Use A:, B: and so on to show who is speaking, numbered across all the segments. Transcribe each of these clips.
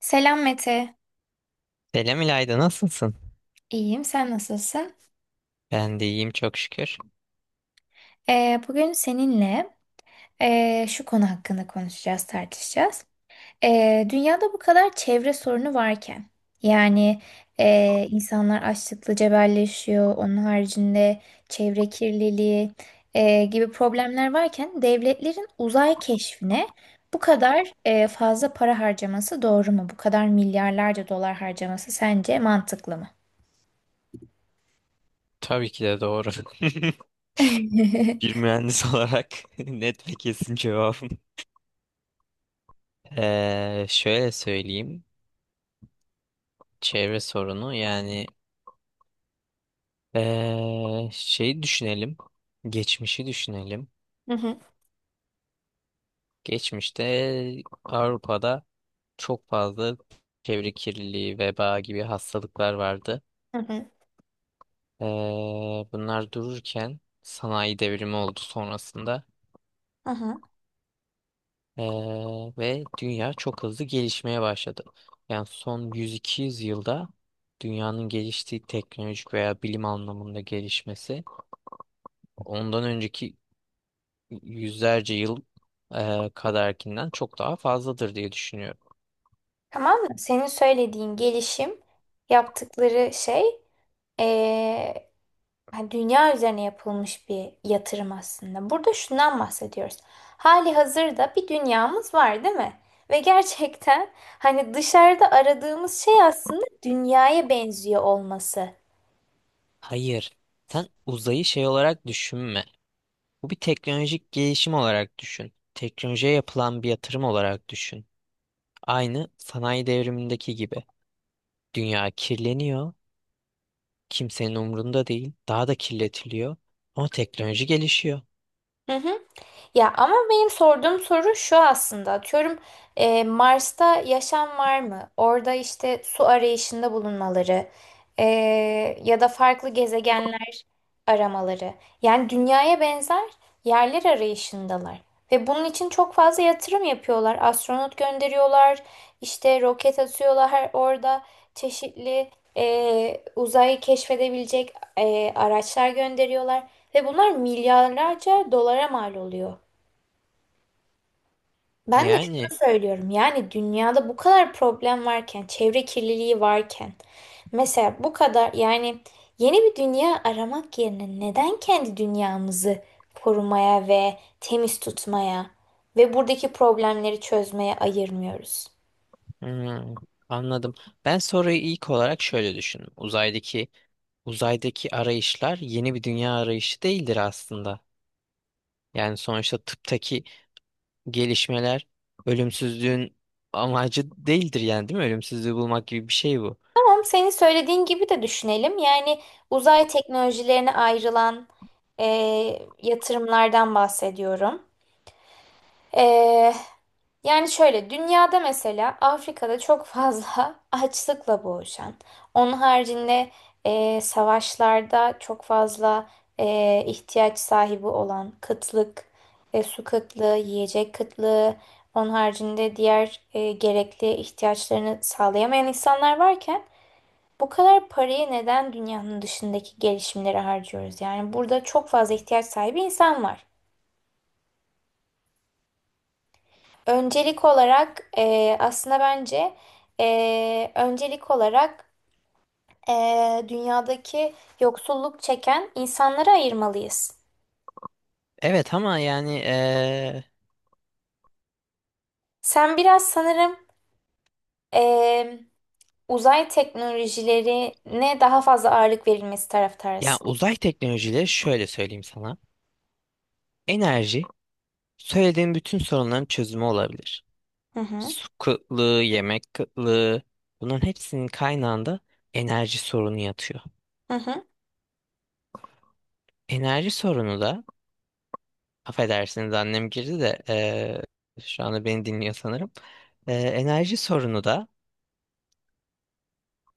A: Selam Mete.
B: Selam İlayda, nasılsın?
A: İyiyim, sen nasılsın?
B: Ben de iyiyim çok şükür.
A: Bugün seninle şu konu hakkında konuşacağız, tartışacağız. Dünyada bu kadar çevre sorunu varken, yani insanlar açlıkla cebelleşiyor, onun haricinde çevre kirliliği gibi problemler varken devletlerin uzay keşfine bu kadar fazla para harcaması doğru mu? Bu kadar milyarlarca dolar harcaması sence mantıklı mı?
B: Tabii ki de doğru. Bir mühendis olarak net ve kesin cevabım. Şöyle söyleyeyim. Çevre sorunu şeyi düşünelim. Geçmişi düşünelim.
A: Hı hı,
B: Geçmişte Avrupa'da çok fazla çevre kirliliği, veba gibi hastalıklar vardı.
A: hı hı,
B: Ee, bunlar dururken sanayi devrimi oldu sonrasında.
A: hı hı.
B: Ee, ve dünya çok hızlı gelişmeye başladı. Yani son yüz iki yüz yılda dünyanın geliştiği teknolojik veya bilim anlamında gelişmesi ondan önceki yüzlerce yıl kadarkinden çok daha fazladır diye düşünüyorum.
A: Tamam mı? Senin söylediğin gelişim, yaptıkları şey, eee, hani dünya üzerine yapılmış bir yatırım aslında. Burada şundan bahsediyoruz. Hali hazırda bir dünyamız var, değil mi? Ve gerçekten hani dışarıda aradığımız şey aslında dünyaya benziyor olması.
B: Hayır, sen uzayı şey olarak düşünme. Bu bir teknolojik gelişim olarak düşün. Teknolojiye yapılan bir yatırım olarak düşün. Aynı sanayi devrimindeki gibi. Dünya kirleniyor, kimsenin umrunda değil, daha da kirletiliyor. Ama teknoloji gelişiyor.
A: Hı hı. Ya ama benim sorduğum soru şu aslında. Atıyorum, Mars'ta yaşam var mı? Orada işte su arayışında bulunmaları, e, ya da farklı gezegenler aramaları. Yani dünyaya benzer yerler arayışındalar. Ve bunun için çok fazla yatırım yapıyorlar. Astronot gönderiyorlar, işte roket atıyorlar, orada çeşitli uzayı keşfedebilecek araçlar gönderiyorlar. Ve bunlar milyarlarca dolara mal oluyor. Ben de
B: Yani
A: şunu söylüyorum, yani dünyada bu kadar problem varken, çevre kirliliği varken, mesela bu kadar, yani yeni bir dünya aramak yerine neden kendi dünyamızı korumaya ve temiz tutmaya ve buradaki problemleri çözmeye ayırmıyoruz?
B: hmm, anladım. Ben soruyu ilk olarak şöyle düşündüm. Uzaydaki arayışlar yeni bir dünya arayışı değildir aslında. Yani sonuçta tıptaki gelişmeler ölümsüzlüğün amacı değildir yani değil mi? Ölümsüzlüğü bulmak gibi bir şey bu.
A: Tamam, senin söylediğin gibi de düşünelim. Yani uzay teknolojilerine ayrılan yatırımlardan bahsediyorum. Yani şöyle, dünyada mesela Afrika'da çok fazla açlıkla boğuşan, onun haricinde savaşlarda çok fazla ihtiyaç sahibi olan, kıtlık, su kıtlığı, yiyecek kıtlığı, onun haricinde diğer gerekli ihtiyaçlarını sağlayamayan insanlar varken bu kadar parayı neden dünyanın dışındaki gelişimlere harcıyoruz? Yani burada çok fazla ihtiyaç sahibi insan var. Öncelik olarak aslında bence e, öncelik olarak e, dünyadaki yoksulluk çeken insanları ayırmalıyız.
B: Evet ama
A: Sen biraz sanırım e, uzay teknolojilerine daha fazla ağırlık verilmesi
B: ya
A: taraftarısın.
B: uzay teknolojileri şöyle söyleyeyim sana. Enerji söylediğin bütün sorunların çözümü olabilir.
A: Hı hı.
B: Su kıtlığı, yemek kıtlığı bunların hepsinin kaynağında enerji sorunu yatıyor.
A: Hı hı.
B: Enerji sorunu da affedersiniz annem girdi de, şu anda beni dinliyor sanırım. Enerji sorunu da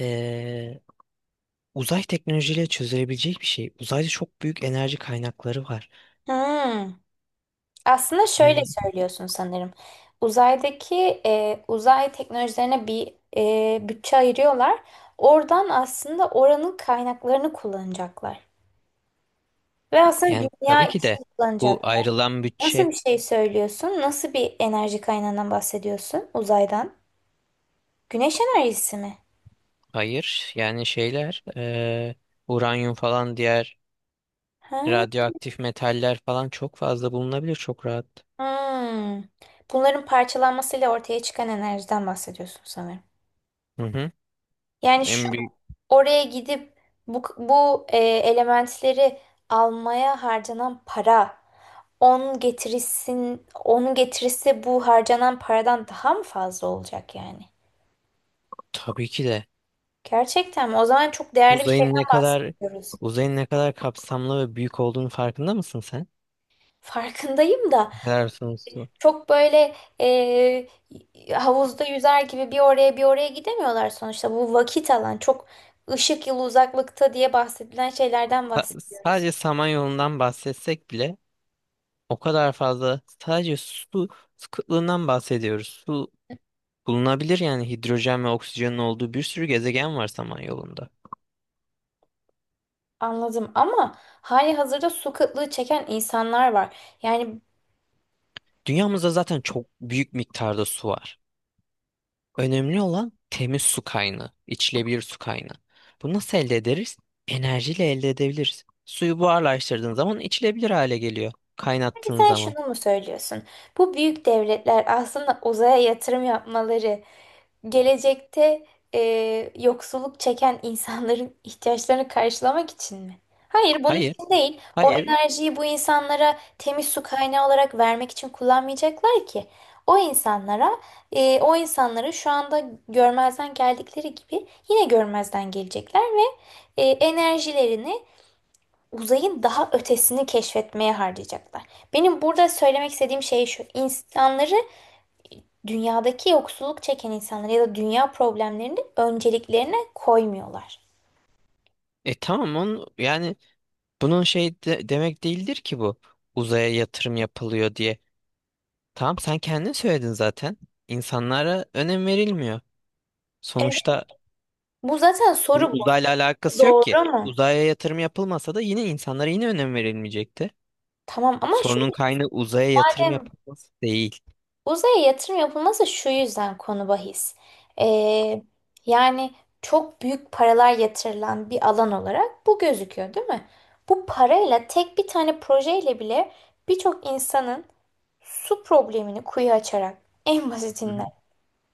B: eee, uzay teknolojiyle çözülebilecek bir şey. Uzayda çok büyük enerji kaynakları var.
A: Hmm. Aslında şöyle
B: Yani
A: söylüyorsun sanırım. Uzay teknolojilerine bir bütçe ayırıyorlar. Oradan aslında oranın kaynaklarını kullanacaklar. Ve aslında
B: yani
A: dünya
B: tabii
A: için
B: ki de bu
A: kullanacaklar.
B: ayrılan
A: Nasıl
B: bütçe
A: bir şey söylüyorsun? Nasıl bir enerji kaynağından bahsediyorsun? Uzaydan. Güneş enerjisi mi?
B: hayır yani şeyler, uranyum falan diğer
A: Ha.
B: radyoaktif metaller falan çok fazla bulunabilir çok rahat.
A: Hmm. Bunların parçalanmasıyla ortaya çıkan enerjiden bahsediyorsun sanırım.
B: Hı hı.
A: Yani şu,
B: En büyük
A: oraya gidip bu elementleri almaya harcanan para, onun getirisi bu harcanan paradan daha mı fazla olacak yani?
B: tabii ki de
A: Gerçekten mi? O zaman çok değerli bir
B: uzayın ne
A: şeyden
B: kadar
A: bahsediyoruz.
B: uzayın ne kadar kapsamlı ve büyük olduğunu farkında mısın sen?
A: Farkındayım da,
B: Ne kadar sonsuz.
A: çok böyle havuzda yüzer gibi bir oraya bir oraya gidemiyorlar sonuçta. Bu vakit alan, çok ışık yılı uzaklıkta diye bahsedilen şeylerden bahsediyoruz.
B: Sadece Samanyolu'ndan bahsetsek bile o kadar fazla sadece su kıtlığından bahsediyoruz. Bulunabilir yani hidrojen ve oksijenin olduğu bir sürü gezegen var Samanyolu'nda.
A: Anladım, ama hali hazırda su kıtlığı çeken insanlar var. Yani
B: Dünyamızda zaten çok büyük miktarda su var. Önemli olan temiz su kaynağı, içilebilir su kaynağı. Bunu nasıl elde ederiz? Enerjiyle elde edebiliriz. Suyu buharlaştırdığın zaman içilebilir hale geliyor.
A: hani
B: Kaynattığın
A: sen
B: zaman.
A: şunu mu söylüyorsun? Bu büyük devletler aslında uzaya yatırım yapmaları gelecekte e, yoksulluk çeken insanların ihtiyaçlarını karşılamak için mi? Hayır, bunun
B: Hayır,
A: için değil. O
B: hayır.
A: enerjiyi bu insanlara temiz su kaynağı olarak vermek için kullanmayacaklar ki. O insanlara, o insanları şu anda görmezden geldikleri gibi yine görmezden gelecekler ve enerjilerini uzayın daha ötesini keşfetmeye harcayacaklar. Benim burada söylemek istediğim şey şu. İnsanları dünyadaki yoksulluk çeken insanlar ya da dünya problemlerini önceliklerine koymuyorlar.
B: E tamam onu, yani bunun demek değildir ki bu. Uzaya yatırım yapılıyor diye. Tamam sen kendin söyledin zaten. İnsanlara önem verilmiyor.
A: Evet.
B: Sonuçta
A: Bu zaten
B: bunun
A: soru, bu.
B: uzayla alakası yok ki.
A: Doğru mu?
B: Uzaya yatırım yapılmasa da yine insanlara yine önem verilmeyecekti.
A: Tamam ama şu,
B: Sorunun kaynağı uzaya yatırım
A: zaten
B: yapılması değil.
A: uzaya yatırım yapılması şu yüzden konu bahis. Ee, Yani çok büyük paralar yatırılan bir alan olarak bu gözüküyor, değil mi? Bu parayla tek bir tane projeyle bile birçok insanın su problemini kuyu açarak en
B: Hı
A: basitinden.
B: hı.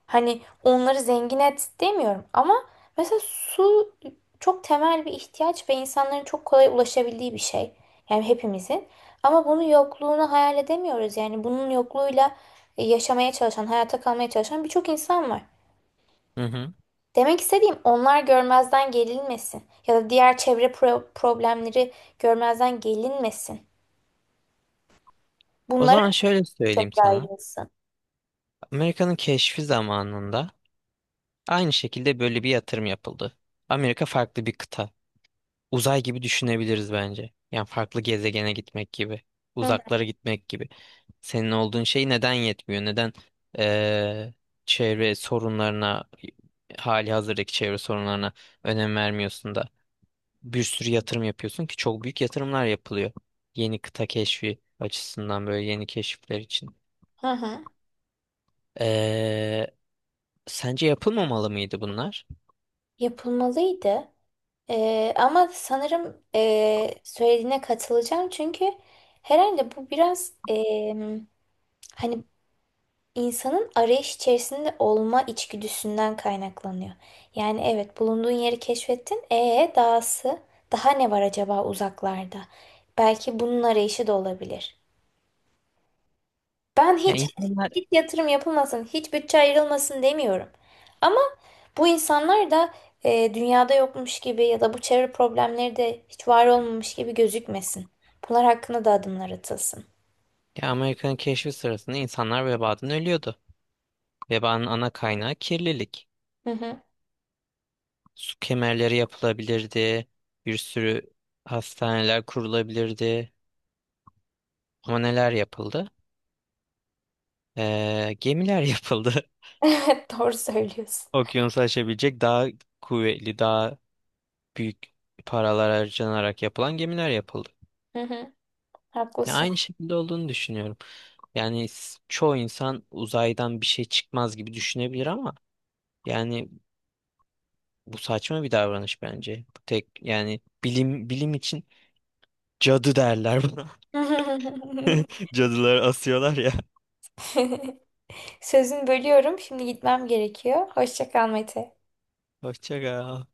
A: Hani onları zengin et demiyorum, ama mesela su çok temel bir ihtiyaç ve insanların çok kolay ulaşabildiği bir şey. Yani hepimizin. Ama bunun yokluğunu hayal edemiyoruz. Yani bunun yokluğuyla yaşamaya çalışan, hayata kalmaya çalışan birçok insan var.
B: Hı hı.
A: Demek istediğim, onlar görmezden gelinmesin. Ya da diğer problemleri görmezden gelinmesin.
B: O
A: Bunlara
B: zaman şöyle
A: çok
B: söyleyeyim sana.
A: ayrılsın.
B: Amerika'nın keşfi zamanında aynı şekilde böyle bir yatırım yapıldı. Amerika farklı bir kıta. Uzay gibi düşünebiliriz bence. Yani farklı gezegene gitmek gibi.
A: Hı hı.
B: Uzaklara gitmek gibi. Senin olduğun şey neden yetmiyor? Neden eee, çevre sorunlarına, hali hazırdaki çevre sorunlarına önem vermiyorsun da bir sürü yatırım yapıyorsun ki çok büyük yatırımlar yapılıyor. Yeni kıta keşfi açısından böyle yeni keşifler için.
A: Hı hı.
B: Eee, sence yapılmamalı mıydı bunlar?
A: Yapılmalıydı. Ama sanırım söylediğine katılacağım, çünkü herhalde bu biraz hani insanın arayış içerisinde olma içgüdüsünden kaynaklanıyor. Yani evet, bulunduğun yeri keşfettin. E dahası, daha ne var acaba uzaklarda? Belki bunun arayışı da olabilir. Ben
B: Yani
A: hiç
B: insanlar
A: hiç yatırım yapılmasın, hiç bütçe ayrılmasın demiyorum. Bu insanlar da dünyada yokmuş gibi ya da bu çevre problemleri de hiç var olmamış gibi gözükmesin. Bunlar hakkında da adımlar atılsın.
B: ya Amerika'nın keşfi sırasında insanlar vebadan ölüyordu. Vebanın ana kaynağı kirlilik.
A: Hı hı.
B: Su kemerleri yapılabilirdi, bir sürü hastaneler kurulabilirdi. Ama neler yapıldı? Gemiler yapıldı.
A: Evet, doğru söylüyorsun.
B: Okyanusu aşabilecek daha kuvvetli, daha büyük paralar harcanarak yapılan gemiler yapıldı.
A: Hı hı,
B: Ya
A: haklısın.
B: aynı şekilde olduğunu düşünüyorum. Yani çoğu insan uzaydan bir şey çıkmaz gibi düşünebilir ama yani bu saçma bir davranış bence. Bu tek yani bilim için cadı derler buna. Cadılar asıyorlar ya.
A: Sözünü bölüyorum. Şimdi gitmem gerekiyor. Hoşça kal Mete.
B: Hoşça kal.